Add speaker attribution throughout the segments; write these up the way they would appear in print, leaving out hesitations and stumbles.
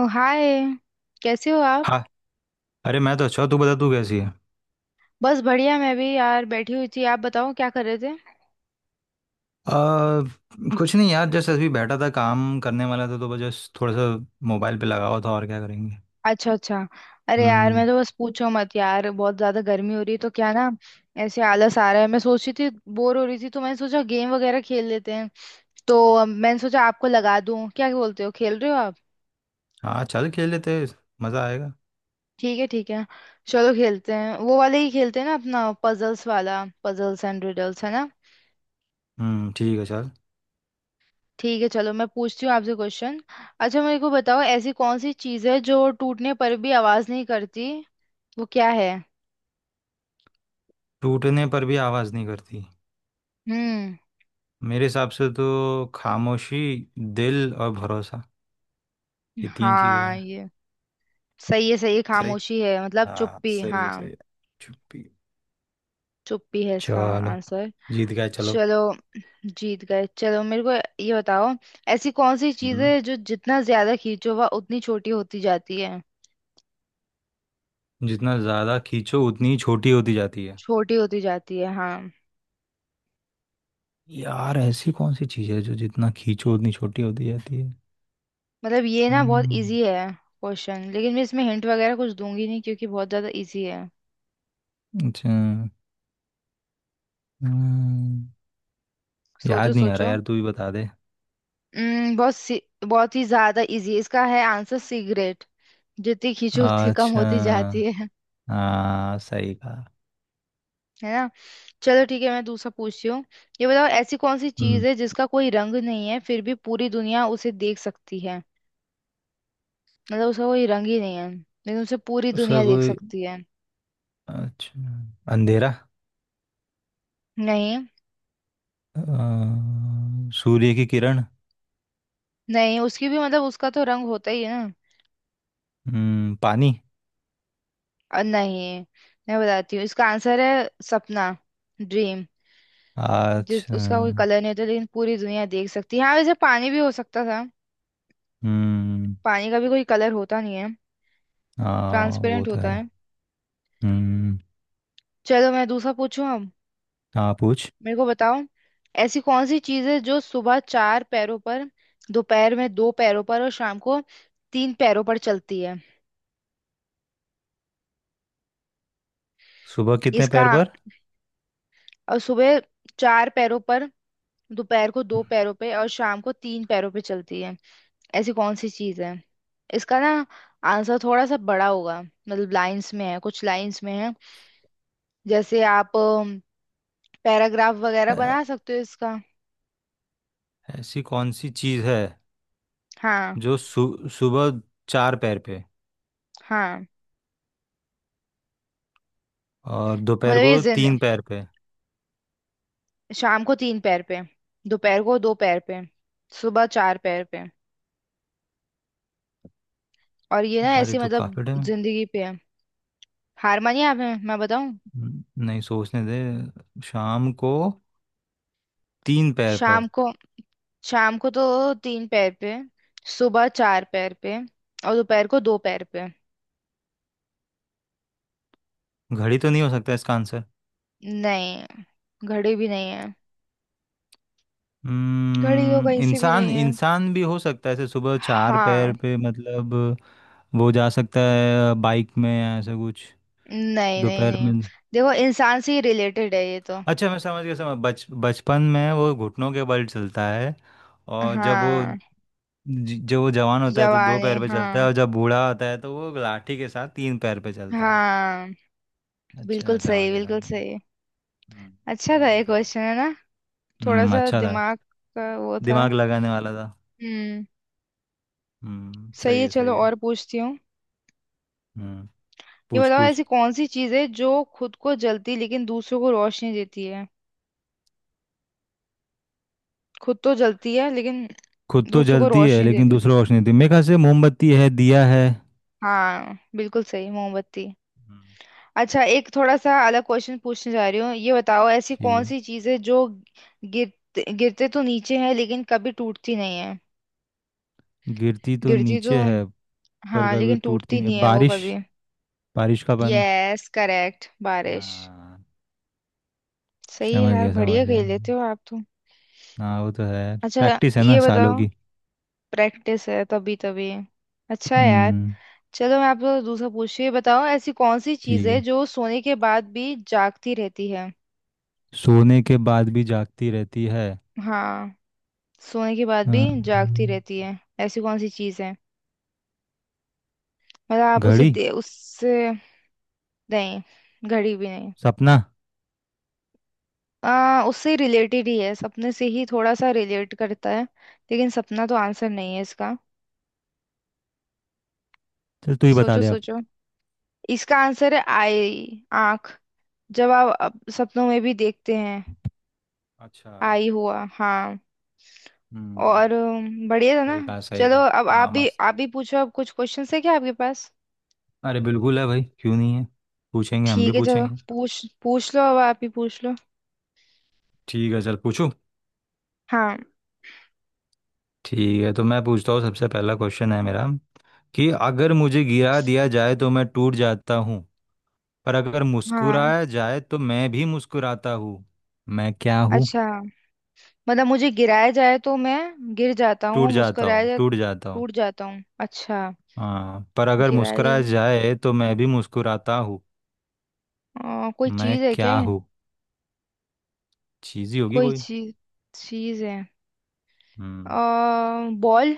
Speaker 1: ओ hi. कैसे हो आप।
Speaker 2: हाँ। अरे मैं तो अच्छा हूँ, तू बता तू कैसी है।
Speaker 1: बस बढ़िया मैं भी यार बैठी हुई थी। आप बताओ क्या कर रहे थे।
Speaker 2: आ, कुछ नहीं यार जस्ट अभी बैठा था, काम करने वाला था, तो बस just थोड़ा सा मोबाइल पे लगा हुआ था, और क्या करेंगे।
Speaker 1: अच्छा अच्छा। अरे यार
Speaker 2: हम्म।
Speaker 1: मैं तो बस पूछो मत यार बहुत ज्यादा गर्मी हो रही है तो क्या ना, ऐसे आलस आ रहा है। मैं सोच रही थी बोर हो रही थी तो मैंने सोचा गेम वगैरह खेल लेते हैं। तो मैंने सोचा आपको लगा दूं, क्या बोलते हो खेल रहे हो आप।
Speaker 2: हाँ चल खेल लेते हैं, मज़ा आएगा।
Speaker 1: ठीक है ठीक है। चलो खेलते हैं वो वाले ही खेलते हैं ना, अपना पजल्स वाला, पजल्स एंड रिडल्स है ना।
Speaker 2: हम्म, ठीक है चल।
Speaker 1: ठीक है चलो मैं पूछती हूँ आपसे क्वेश्चन। अच्छा मेरे को बताओ, ऐसी कौन सी चीज़ है जो टूटने पर भी आवाज नहीं करती। वो क्या है।
Speaker 2: टूटने पर भी आवाज़ नहीं करती?
Speaker 1: हम्म।
Speaker 2: मेरे हिसाब से तो खामोशी, दिल और भरोसा, ये तीन चीज़ें
Speaker 1: हाँ
Speaker 2: हैं।
Speaker 1: ये सही है सही है।
Speaker 2: सही।
Speaker 1: खामोशी है, मतलब
Speaker 2: हाँ
Speaker 1: चुप्पी।
Speaker 2: सही
Speaker 1: हाँ
Speaker 2: है सही है। चुप्पी।
Speaker 1: चुप्पी है इसका
Speaker 2: चलो,
Speaker 1: आंसर।
Speaker 2: जीत गए चलो।
Speaker 1: चलो जीत गए। चलो मेरे को ये बताओ, ऐसी कौन सी चीज़
Speaker 2: हम्म,
Speaker 1: है जो जितना ज्यादा खींचो वह उतनी छोटी होती जाती है।
Speaker 2: जितना ज़्यादा खींचो उतनी ही छोटी होती जाती है।
Speaker 1: छोटी होती जाती है हाँ।
Speaker 2: यार ऐसी कौन सी चीज है जो जितना खींचो उतनी छोटी होती जाती है।
Speaker 1: मतलब ये ना बहुत
Speaker 2: हम्म।
Speaker 1: इजी है क्वेश्चन, लेकिन मैं इसमें हिंट वगैरह कुछ दूंगी नहीं क्योंकि बहुत ज्यादा इजी है।
Speaker 2: अच्छा। हम्म,
Speaker 1: सोचो
Speaker 2: याद नहीं आ रहा
Speaker 1: सोचो।
Speaker 2: यार, तू ही बता दे।
Speaker 1: बहुत सी, बहुत ही ज्यादा इजी इसका है आंसर, सिगरेट। जितनी खींचो उतनी कम होती जाती
Speaker 2: अच्छा।
Speaker 1: है
Speaker 2: हाँ सही कहा।
Speaker 1: है ना। चलो ठीक है मैं दूसरा पूछती हूँ। ये बताओ ऐसी कौन सी
Speaker 2: हम्म।
Speaker 1: चीज है जिसका कोई रंग नहीं है फिर भी पूरी दुनिया उसे देख सकती है। मतलब उसका कोई रंग ही नहीं है लेकिन उसे पूरी
Speaker 2: उसका
Speaker 1: दुनिया देख
Speaker 2: कोई।
Speaker 1: सकती है।
Speaker 2: अच्छा। अंधेरा।
Speaker 1: नहीं।
Speaker 2: सूर्य की किरण।
Speaker 1: नहीं उसकी भी मतलब उसका तो रंग होता ही है ना।
Speaker 2: हम्म, पानी।
Speaker 1: नहीं। मैं बताती हूँ इसका आंसर है सपना, ड्रीम। जिस
Speaker 2: अच्छा।
Speaker 1: उसका कोई कलर नहीं होता लेकिन पूरी दुनिया देख सकती है। हाँ वैसे पानी भी हो सकता था।
Speaker 2: हम्म।
Speaker 1: पानी का भी कोई कलर होता नहीं है।
Speaker 2: हाँ वो
Speaker 1: ट्रांसपेरेंट
Speaker 2: तो
Speaker 1: होता
Speaker 2: है।
Speaker 1: है।
Speaker 2: हम्म।
Speaker 1: चलो मैं दूसरा पूछूं अब।
Speaker 2: हाँ पूछ।
Speaker 1: मेरे को बताओ ऐसी कौन सी चीज है जो सुबह चार पैरों पर, दोपहर में दो पैरों पर और शाम को तीन पैरों पर चलती है।
Speaker 2: सुबह कितने
Speaker 1: इसका।
Speaker 2: पैर पर?
Speaker 1: और सुबह चार पैरों पर, दोपहर को दो पैरों पे और शाम को तीन पैरों पे चलती है। ऐसी कौन सी चीज है। इसका ना आंसर थोड़ा सा बड़ा होगा, मतलब लाइंस में है, कुछ लाइंस में है। जैसे आप पैराग्राफ वगैरह
Speaker 2: अ,
Speaker 1: बना सकते हो इसका।
Speaker 2: ऐसी कौन सी चीज है
Speaker 1: हाँ।
Speaker 2: जो सुबह चार पैर पे
Speaker 1: हाँ
Speaker 2: और दोपहर
Speaker 1: मतलब ये
Speaker 2: को
Speaker 1: जिन,
Speaker 2: तीन पैर पे।
Speaker 1: शाम को तीन पैर पे, दोपहर को दो पैर पे, सुबह चार पैर पे। और ये ना
Speaker 2: यार ये
Speaker 1: ऐसी
Speaker 2: तो
Speaker 1: मतलब
Speaker 2: काफी टाइम।
Speaker 1: जिंदगी पे है। हार मानिए आप, मैं बताऊं।
Speaker 2: नहीं सोचने दे, शाम को तीन पैर पर।
Speaker 1: शाम को, शाम को तो तीन पैर पे, सुबह चार पैर पे और दोपहर को दो पैर पे।
Speaker 2: घड़ी तो नहीं हो सकता इसका आंसर?
Speaker 1: नहीं, घड़ी भी नहीं है। घड़ी तो कहीं से भी
Speaker 2: इंसान,
Speaker 1: नहीं है।
Speaker 2: इंसान भी हो सकता है ऐसे, सुबह चार पैर
Speaker 1: हाँ।
Speaker 2: पे मतलब। वो जा सकता है बाइक में या ऐसा कुछ।
Speaker 1: नहीं नहीं
Speaker 2: दोपहर
Speaker 1: नहीं।
Speaker 2: में।
Speaker 1: देखो इंसान से ही रिलेटेड है ये तो।
Speaker 2: अच्छा मैं समझ गया, समझ बच बचपन में वो घुटनों के बल चलता है, और जब वो
Speaker 1: हाँ।
Speaker 2: जो वो जवान होता है तो दो
Speaker 1: जवानी
Speaker 2: पैर पे चलता है,
Speaker 1: हाँ।
Speaker 2: और जब बूढ़ा होता है तो वो लाठी के साथ तीन पैर पे चलता है।
Speaker 1: हाँ बिल्कुल
Speaker 2: अच्छा समझ
Speaker 1: सही
Speaker 2: गया समझ गया।
Speaker 1: बिल्कुल सही।
Speaker 2: हम्म।
Speaker 1: अच्छा था
Speaker 2: समझ गया
Speaker 1: ये
Speaker 2: समझ गया।
Speaker 1: क्वेश्चन है ना। थोड़ा
Speaker 2: हम्म,
Speaker 1: सा
Speaker 2: अच्छा था,
Speaker 1: दिमाग का वो था।
Speaker 2: दिमाग लगाने वाला था।
Speaker 1: हम्म।
Speaker 2: हम्म,
Speaker 1: सही
Speaker 2: सही
Speaker 1: है
Speaker 2: है
Speaker 1: चलो
Speaker 2: सही है।
Speaker 1: और पूछती हूँ।
Speaker 2: हम्म,
Speaker 1: ये
Speaker 2: पूछ
Speaker 1: बताओ
Speaker 2: पूछ।
Speaker 1: ऐसी कौन सी चीज़ है जो खुद को जलती लेकिन दूसरों को रोशनी देती है। खुद तो जलती है लेकिन
Speaker 2: खुद तो
Speaker 1: दूसरों को
Speaker 2: जलती है
Speaker 1: रोशनी
Speaker 2: लेकिन
Speaker 1: देती है।
Speaker 2: दूसरों को रोशनी देती है। मेरे ख्याल से मोमबत्ती है, दिया है।
Speaker 1: हाँ बिल्कुल सही, मोमबत्ती।
Speaker 2: हम्म,
Speaker 1: अच्छा एक थोड़ा सा अलग क्वेश्चन पूछने जा रही हूँ। ये बताओ ऐसी
Speaker 2: ठीक
Speaker 1: कौन
Speaker 2: है।
Speaker 1: सी चीज़ है जो गिरते गिरते तो नीचे है लेकिन कभी टूटती नहीं है।
Speaker 2: गिरती तो
Speaker 1: गिरती तो,
Speaker 2: नीचे है पर
Speaker 1: हाँ
Speaker 2: कभी
Speaker 1: लेकिन
Speaker 2: टूटती
Speaker 1: टूटती
Speaker 2: नहीं,
Speaker 1: नहीं है वो
Speaker 2: बारिश,
Speaker 1: कभी।
Speaker 2: बारिश का पानी।
Speaker 1: यस करेक्ट, बारिश।
Speaker 2: हाँ।
Speaker 1: सही है
Speaker 2: समझ
Speaker 1: यार,
Speaker 2: गया समझ
Speaker 1: बढ़िया
Speaker 2: गया।
Speaker 1: खेल लेते हो आप तो।
Speaker 2: हाँ वो तो है,
Speaker 1: अच्छा
Speaker 2: प्रैक्टिस है ना
Speaker 1: ये बताओ।
Speaker 2: सालों की।
Speaker 1: प्रैक्टिस है तभी तभी। अच्छा है यार।
Speaker 2: हम्म।
Speaker 1: चलो मैं आपको दूसरा पूछ, ये बताओ ऐसी कौन सी चीज
Speaker 2: ठीक
Speaker 1: है
Speaker 2: है।
Speaker 1: जो सोने के बाद भी जागती रहती है।
Speaker 2: सोने के बाद भी जागती रहती है।
Speaker 1: हाँ। सोने के बाद भी जागती
Speaker 2: अम्म,
Speaker 1: रहती है, ऐसी कौन सी चीज है। मतलब आप उसे
Speaker 2: घड़ी।
Speaker 1: दे उससे। नहीं। घड़ी भी नहीं।
Speaker 2: सपना।
Speaker 1: उससे रिलेटेड ही है, सपने से ही थोड़ा सा रिलेट करता है, लेकिन सपना तो आंसर नहीं है इसका।
Speaker 2: चल तू ही बता
Speaker 1: सोचो
Speaker 2: दे अब।
Speaker 1: सोचो। इसका आंसर है आई, आंख। जब आप सपनों में भी देखते हैं
Speaker 2: अच्छा।
Speaker 1: आई हुआ, हाँ।
Speaker 2: हम्म,
Speaker 1: और बढ़िया था
Speaker 2: सही
Speaker 1: ना।
Speaker 2: कहा सही
Speaker 1: चलो
Speaker 2: कहा।
Speaker 1: अब
Speaker 2: हाँ मस्त।
Speaker 1: आप भी पूछो, अब कुछ क्वेश्चन है क्या आपके पास।
Speaker 2: अरे बिल्कुल है भाई, क्यों नहीं है। पूछेंगे, हम भी
Speaker 1: ठीक है चलो
Speaker 2: पूछेंगे।
Speaker 1: पूछ पूछ लो, अब आप ही पूछ लो।
Speaker 2: ठीक है चल पूछू।
Speaker 1: हाँ।
Speaker 2: ठीक है, तो मैं पूछता हूँ, सबसे पहला क्वेश्चन है मेरा कि अगर मुझे गिरा दिया जाए तो मैं टूट जाता हूँ, पर अगर
Speaker 1: हाँ
Speaker 2: मुस्कुराया जाए तो मैं भी मुस्कुराता हूँ। मैं क्या हूँ?
Speaker 1: अच्छा, मतलब मुझे गिराया जाए तो मैं गिर जाता हूँ,
Speaker 2: टूट जाता
Speaker 1: मुस्कुराया
Speaker 2: हूँ
Speaker 1: जाए
Speaker 2: टूट जाता हूँ।
Speaker 1: टूट जाता हूँ, अच्छा।
Speaker 2: हाँ, पर अगर
Speaker 1: गिराया
Speaker 2: मुस्कुराया
Speaker 1: जाए,
Speaker 2: जाए तो मैं भी मुस्कुराता हूँ।
Speaker 1: कोई
Speaker 2: मैं
Speaker 1: चीज है क्या।
Speaker 2: क्या हूँ? चीज़ ही होगी
Speaker 1: कोई
Speaker 2: कोई।
Speaker 1: चीज, चीज है।
Speaker 2: हम्म।
Speaker 1: आ, बॉल।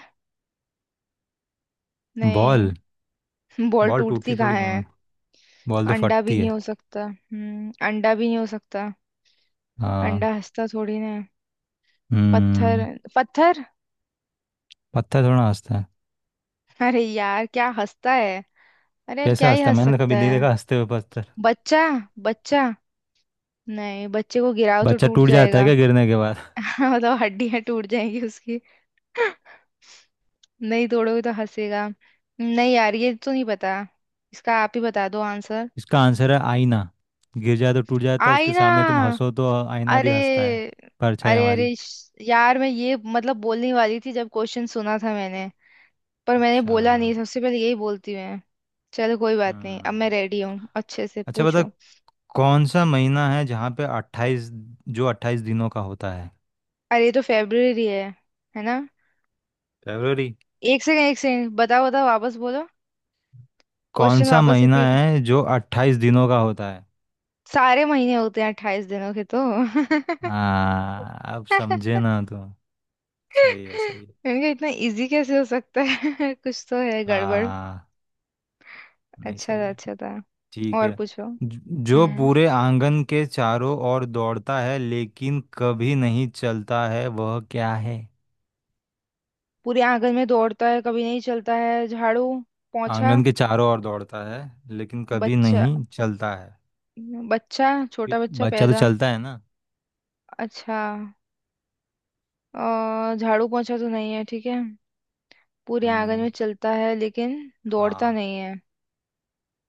Speaker 2: बॉल।
Speaker 1: नहीं बॉल
Speaker 2: बॉल टूटती
Speaker 1: टूटती कहाँ
Speaker 2: थोड़ी ना
Speaker 1: है।
Speaker 2: है, बॉल तो
Speaker 1: अंडा भी
Speaker 2: फटती
Speaker 1: नहीं
Speaker 2: है।
Speaker 1: हो सकता, अंडा भी नहीं हो सकता।
Speaker 2: हाँ।
Speaker 1: अंडा हंसता थोड़ी ना है। पत्थर
Speaker 2: हम्म।
Speaker 1: पत्थर।
Speaker 2: पत्थर थोड़ा हंसता है?
Speaker 1: अरे यार क्या हंसता है। अरे यार
Speaker 2: कैसे
Speaker 1: क्या ही
Speaker 2: हंसता है,
Speaker 1: हंस
Speaker 2: मैंने तो
Speaker 1: सकता
Speaker 2: कभी नहीं
Speaker 1: है।
Speaker 2: देखा हंसते हुए पत्थर।
Speaker 1: बच्चा बच्चा। नहीं बच्चे को गिराओ तो
Speaker 2: बच्चा
Speaker 1: टूट
Speaker 2: टूट जाता है
Speaker 1: जाएगा।
Speaker 2: क्या गिरने के बाद?
Speaker 1: मतलब हड्डियां टूट जाएंगी उसकी। नहीं तोड़ोगे तो हंसेगा। नहीं यार ये तो नहीं पता। इसका आप ही बता दो आंसर।
Speaker 2: इसका आंसर है आईना। गिर जाए तो टूट जाता है, उसके सामने तुम
Speaker 1: आईना।
Speaker 2: हंसो तो आईना भी
Speaker 1: अरे
Speaker 2: हंसता है। परछाई
Speaker 1: अरे
Speaker 2: हमारी।
Speaker 1: अरे यार मैं ये मतलब बोलने वाली थी जब क्वेश्चन सुना था मैंने, पर मैंने
Speaker 2: अच्छा।
Speaker 1: बोला नहीं। सबसे पहले यही बोलती हूँ मैं। चलो कोई बात नहीं, अब मैं
Speaker 2: हम्म।
Speaker 1: रेडी हूँ अच्छे से
Speaker 2: अच्छा बता,
Speaker 1: पूछो।
Speaker 2: कौन सा महीना है जहाँ पे अट्ठाईस, जो अट्ठाईस दिनों का होता है।
Speaker 1: अरे ये तो फेब्रुअरी है ना।
Speaker 2: फरवरी।
Speaker 1: एक सेकंड बताओ बताओ वापस बोलो।
Speaker 2: कौन
Speaker 1: क्वेश्चन
Speaker 2: सा
Speaker 1: वापस
Speaker 2: महीना
Speaker 1: रिपीट।
Speaker 2: है जो अट्ठाईस दिनों का होता है?
Speaker 1: सारे महीने होते हैं 28 दिनों के तो।
Speaker 2: हाँ अब समझे ना तो। सही है सही है।
Speaker 1: मैंने कहा इतना इजी कैसे हो सकता है। कुछ तो है गड़बड़।
Speaker 2: हाँ। नहीं
Speaker 1: अच्छा
Speaker 2: सही
Speaker 1: था
Speaker 2: है।
Speaker 1: अच्छा था।
Speaker 2: ठीक
Speaker 1: और
Speaker 2: है।
Speaker 1: पूछो।
Speaker 2: ज- जो
Speaker 1: हम्म।
Speaker 2: पूरे आंगन के चारों ओर दौड़ता है लेकिन कभी नहीं चलता है वह क्या है?
Speaker 1: पूरे आंगन में दौड़ता है कभी नहीं चलता है, झाड़ू, पोंछा,
Speaker 2: आंगन के चारों ओर दौड़ता है लेकिन कभी
Speaker 1: बच्चा,
Speaker 2: नहीं चलता है।
Speaker 1: बच्चा
Speaker 2: ये
Speaker 1: छोटा बच्चा
Speaker 2: बच्चा तो
Speaker 1: पैदा।
Speaker 2: चलता है ना।
Speaker 1: अच्छा झाड़ू पोंछा तो नहीं है ठीक है। पूरे आंगन
Speaker 2: हम्म।
Speaker 1: में चलता है लेकिन दौड़ता
Speaker 2: हाँ,
Speaker 1: नहीं है।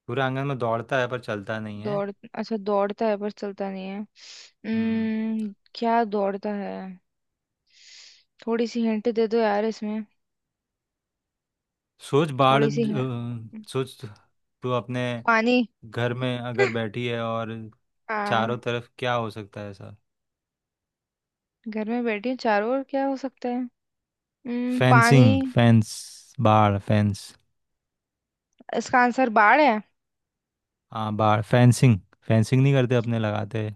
Speaker 2: पूरा आंगन में दौड़ता है पर चलता नहीं है।
Speaker 1: दौड़, अच्छा दौड़ता है पर चलता नहीं है।
Speaker 2: हम्म।
Speaker 1: क्या दौड़ता है। थोड़ी सी हिंट दे दो यार इसमें।
Speaker 2: सोच,
Speaker 1: थोड़ी सी हिंट।
Speaker 2: सोच, तू अपने
Speaker 1: पानी।
Speaker 2: घर में अगर बैठी है और चारों
Speaker 1: हाँ।
Speaker 2: तरफ क्या हो सकता है ऐसा।
Speaker 1: घर में बैठी हूँ चारों ओर क्या हो सकता है। पानी।
Speaker 2: फेंसिंग, फेंस, बाढ़, फेंस।
Speaker 1: इसका आंसर बाढ़ है।
Speaker 2: हाँ, बाढ़, फेंसिंग। फेंसिंग नहीं करते अपने, लगाते हैं।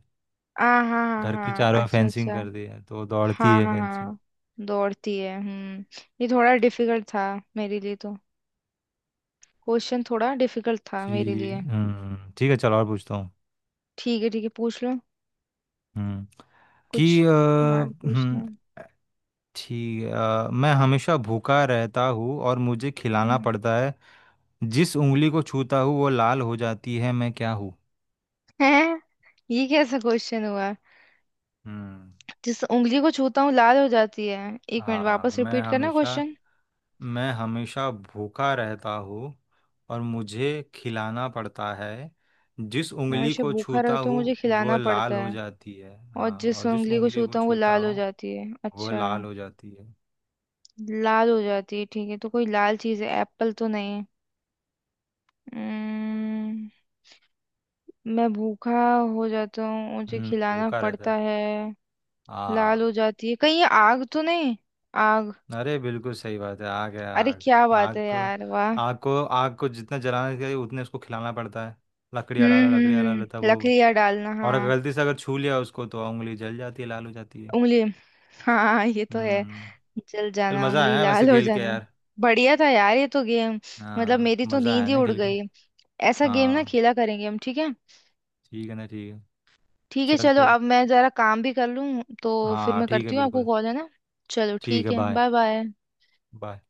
Speaker 1: हाँ हाँ हाँ
Speaker 2: घर के
Speaker 1: हाँ
Speaker 2: चारों ओर
Speaker 1: अच्छा अच्छा।
Speaker 2: फेंसिंग कर दी है तो दौड़ती
Speaker 1: हाँ
Speaker 2: है
Speaker 1: हाँ
Speaker 2: फेंसिंग।
Speaker 1: हाँ। दौड़ती है हम्म। ये थोड़ा डिफिकल्ट था मेरे लिए तो। क्वेश्चन थोड़ा डिफिकल्ट था
Speaker 2: कि।
Speaker 1: मेरे लिए।
Speaker 2: हम्म, ठीक है चलो और पूछता हूँ।
Speaker 1: ठीक है पूछ लो
Speaker 2: हम्म। कि
Speaker 1: कुछ।
Speaker 2: अ,
Speaker 1: हार्ड पूछना
Speaker 2: हम्म।
Speaker 1: है।
Speaker 2: ठीक है, मैं हमेशा भूखा रहता हूँ और मुझे खिलाना
Speaker 1: हम्म।
Speaker 2: पड़ता है। जिस उंगली को छूता हूँ वो लाल हो जाती है। मैं क्या हूँ?
Speaker 1: हैं? ये कैसा क्वेश्चन हुआ।
Speaker 2: हम्म।
Speaker 1: जिस उंगली को छूता हूँ लाल हो जाती है, एक मिनट
Speaker 2: हाँ।
Speaker 1: वापस
Speaker 2: मैं
Speaker 1: रिपीट करना
Speaker 2: हमेशा
Speaker 1: क्वेश्चन।
Speaker 2: मैं हमेशा भूखा रहता हूँ और मुझे खिलाना पड़ता है। जिस
Speaker 1: मैं
Speaker 2: उंगली
Speaker 1: हमेशा
Speaker 2: को
Speaker 1: भूखा
Speaker 2: छूता
Speaker 1: रहता हूँ
Speaker 2: हूँ
Speaker 1: मुझे
Speaker 2: वो
Speaker 1: खिलाना पड़ता
Speaker 2: लाल हो
Speaker 1: है
Speaker 2: जाती है।
Speaker 1: और
Speaker 2: हाँ,
Speaker 1: जिस
Speaker 2: और जिस
Speaker 1: उंगली को
Speaker 2: उंगली को
Speaker 1: छूता हूँ वो
Speaker 2: छूता
Speaker 1: लाल हो
Speaker 2: हूँ
Speaker 1: जाती है,
Speaker 2: वो
Speaker 1: अच्छा।
Speaker 2: लाल हो जाती है।
Speaker 1: लाल हो जाती है, ठीक है तो कोई लाल चीज़ है, एप्पल तो नहीं है। उम्म, मैं भूखा हो जाता हूँ मुझे
Speaker 2: हम्म,
Speaker 1: खिलाना
Speaker 2: भूखा रहता
Speaker 1: पड़ता
Speaker 2: है।
Speaker 1: है, लाल
Speaker 2: हाँ,
Speaker 1: हो जाती है, कहीं ये आग तो नहीं। आग।
Speaker 2: अरे बिल्कुल सही बात है, आग है,
Speaker 1: अरे
Speaker 2: आग।
Speaker 1: क्या बात
Speaker 2: आग
Speaker 1: है
Speaker 2: को,
Speaker 1: यार वाह।
Speaker 2: आग को आग को जितना जलाना चाहिए उतने उसको खिलाना पड़ता है। लकड़ियाँ डालो तब वो,
Speaker 1: लकड़ियाँ डालना
Speaker 2: और अगर
Speaker 1: हाँ।
Speaker 2: गलती से अगर छू लिया उसको तो उंगली जल जाती है, लाल हो जाती है।
Speaker 1: उंगली, हाँ ये तो है।
Speaker 2: हम्म।
Speaker 1: जल
Speaker 2: चल
Speaker 1: जाना,
Speaker 2: मज़ा
Speaker 1: उंगली
Speaker 2: आया वैसे
Speaker 1: लाल हो
Speaker 2: खेल के
Speaker 1: जाना।
Speaker 2: यार।
Speaker 1: बढ़िया था यार ये तो गेम। मतलब
Speaker 2: हाँ
Speaker 1: मेरी तो
Speaker 2: मज़ा
Speaker 1: नींद
Speaker 2: आया
Speaker 1: ही
Speaker 2: ना
Speaker 1: उड़
Speaker 2: खेल के।
Speaker 1: गई। ऐसा गेम ना
Speaker 2: हाँ।
Speaker 1: खेला करेंगे हम, ठीक है।
Speaker 2: ठीक है ना, ठीक है।
Speaker 1: ठीक है
Speaker 2: चल
Speaker 1: चलो
Speaker 2: फिर।
Speaker 1: अब मैं जरा काम भी कर लूँ तो। फिर
Speaker 2: हाँ
Speaker 1: मैं
Speaker 2: ठीक है,
Speaker 1: करती हूँ आपको
Speaker 2: बिल्कुल।
Speaker 1: कॉल, है ना। चलो
Speaker 2: ठीक
Speaker 1: ठीक
Speaker 2: है,
Speaker 1: है
Speaker 2: बाय।
Speaker 1: Bye bye.
Speaker 2: बाय।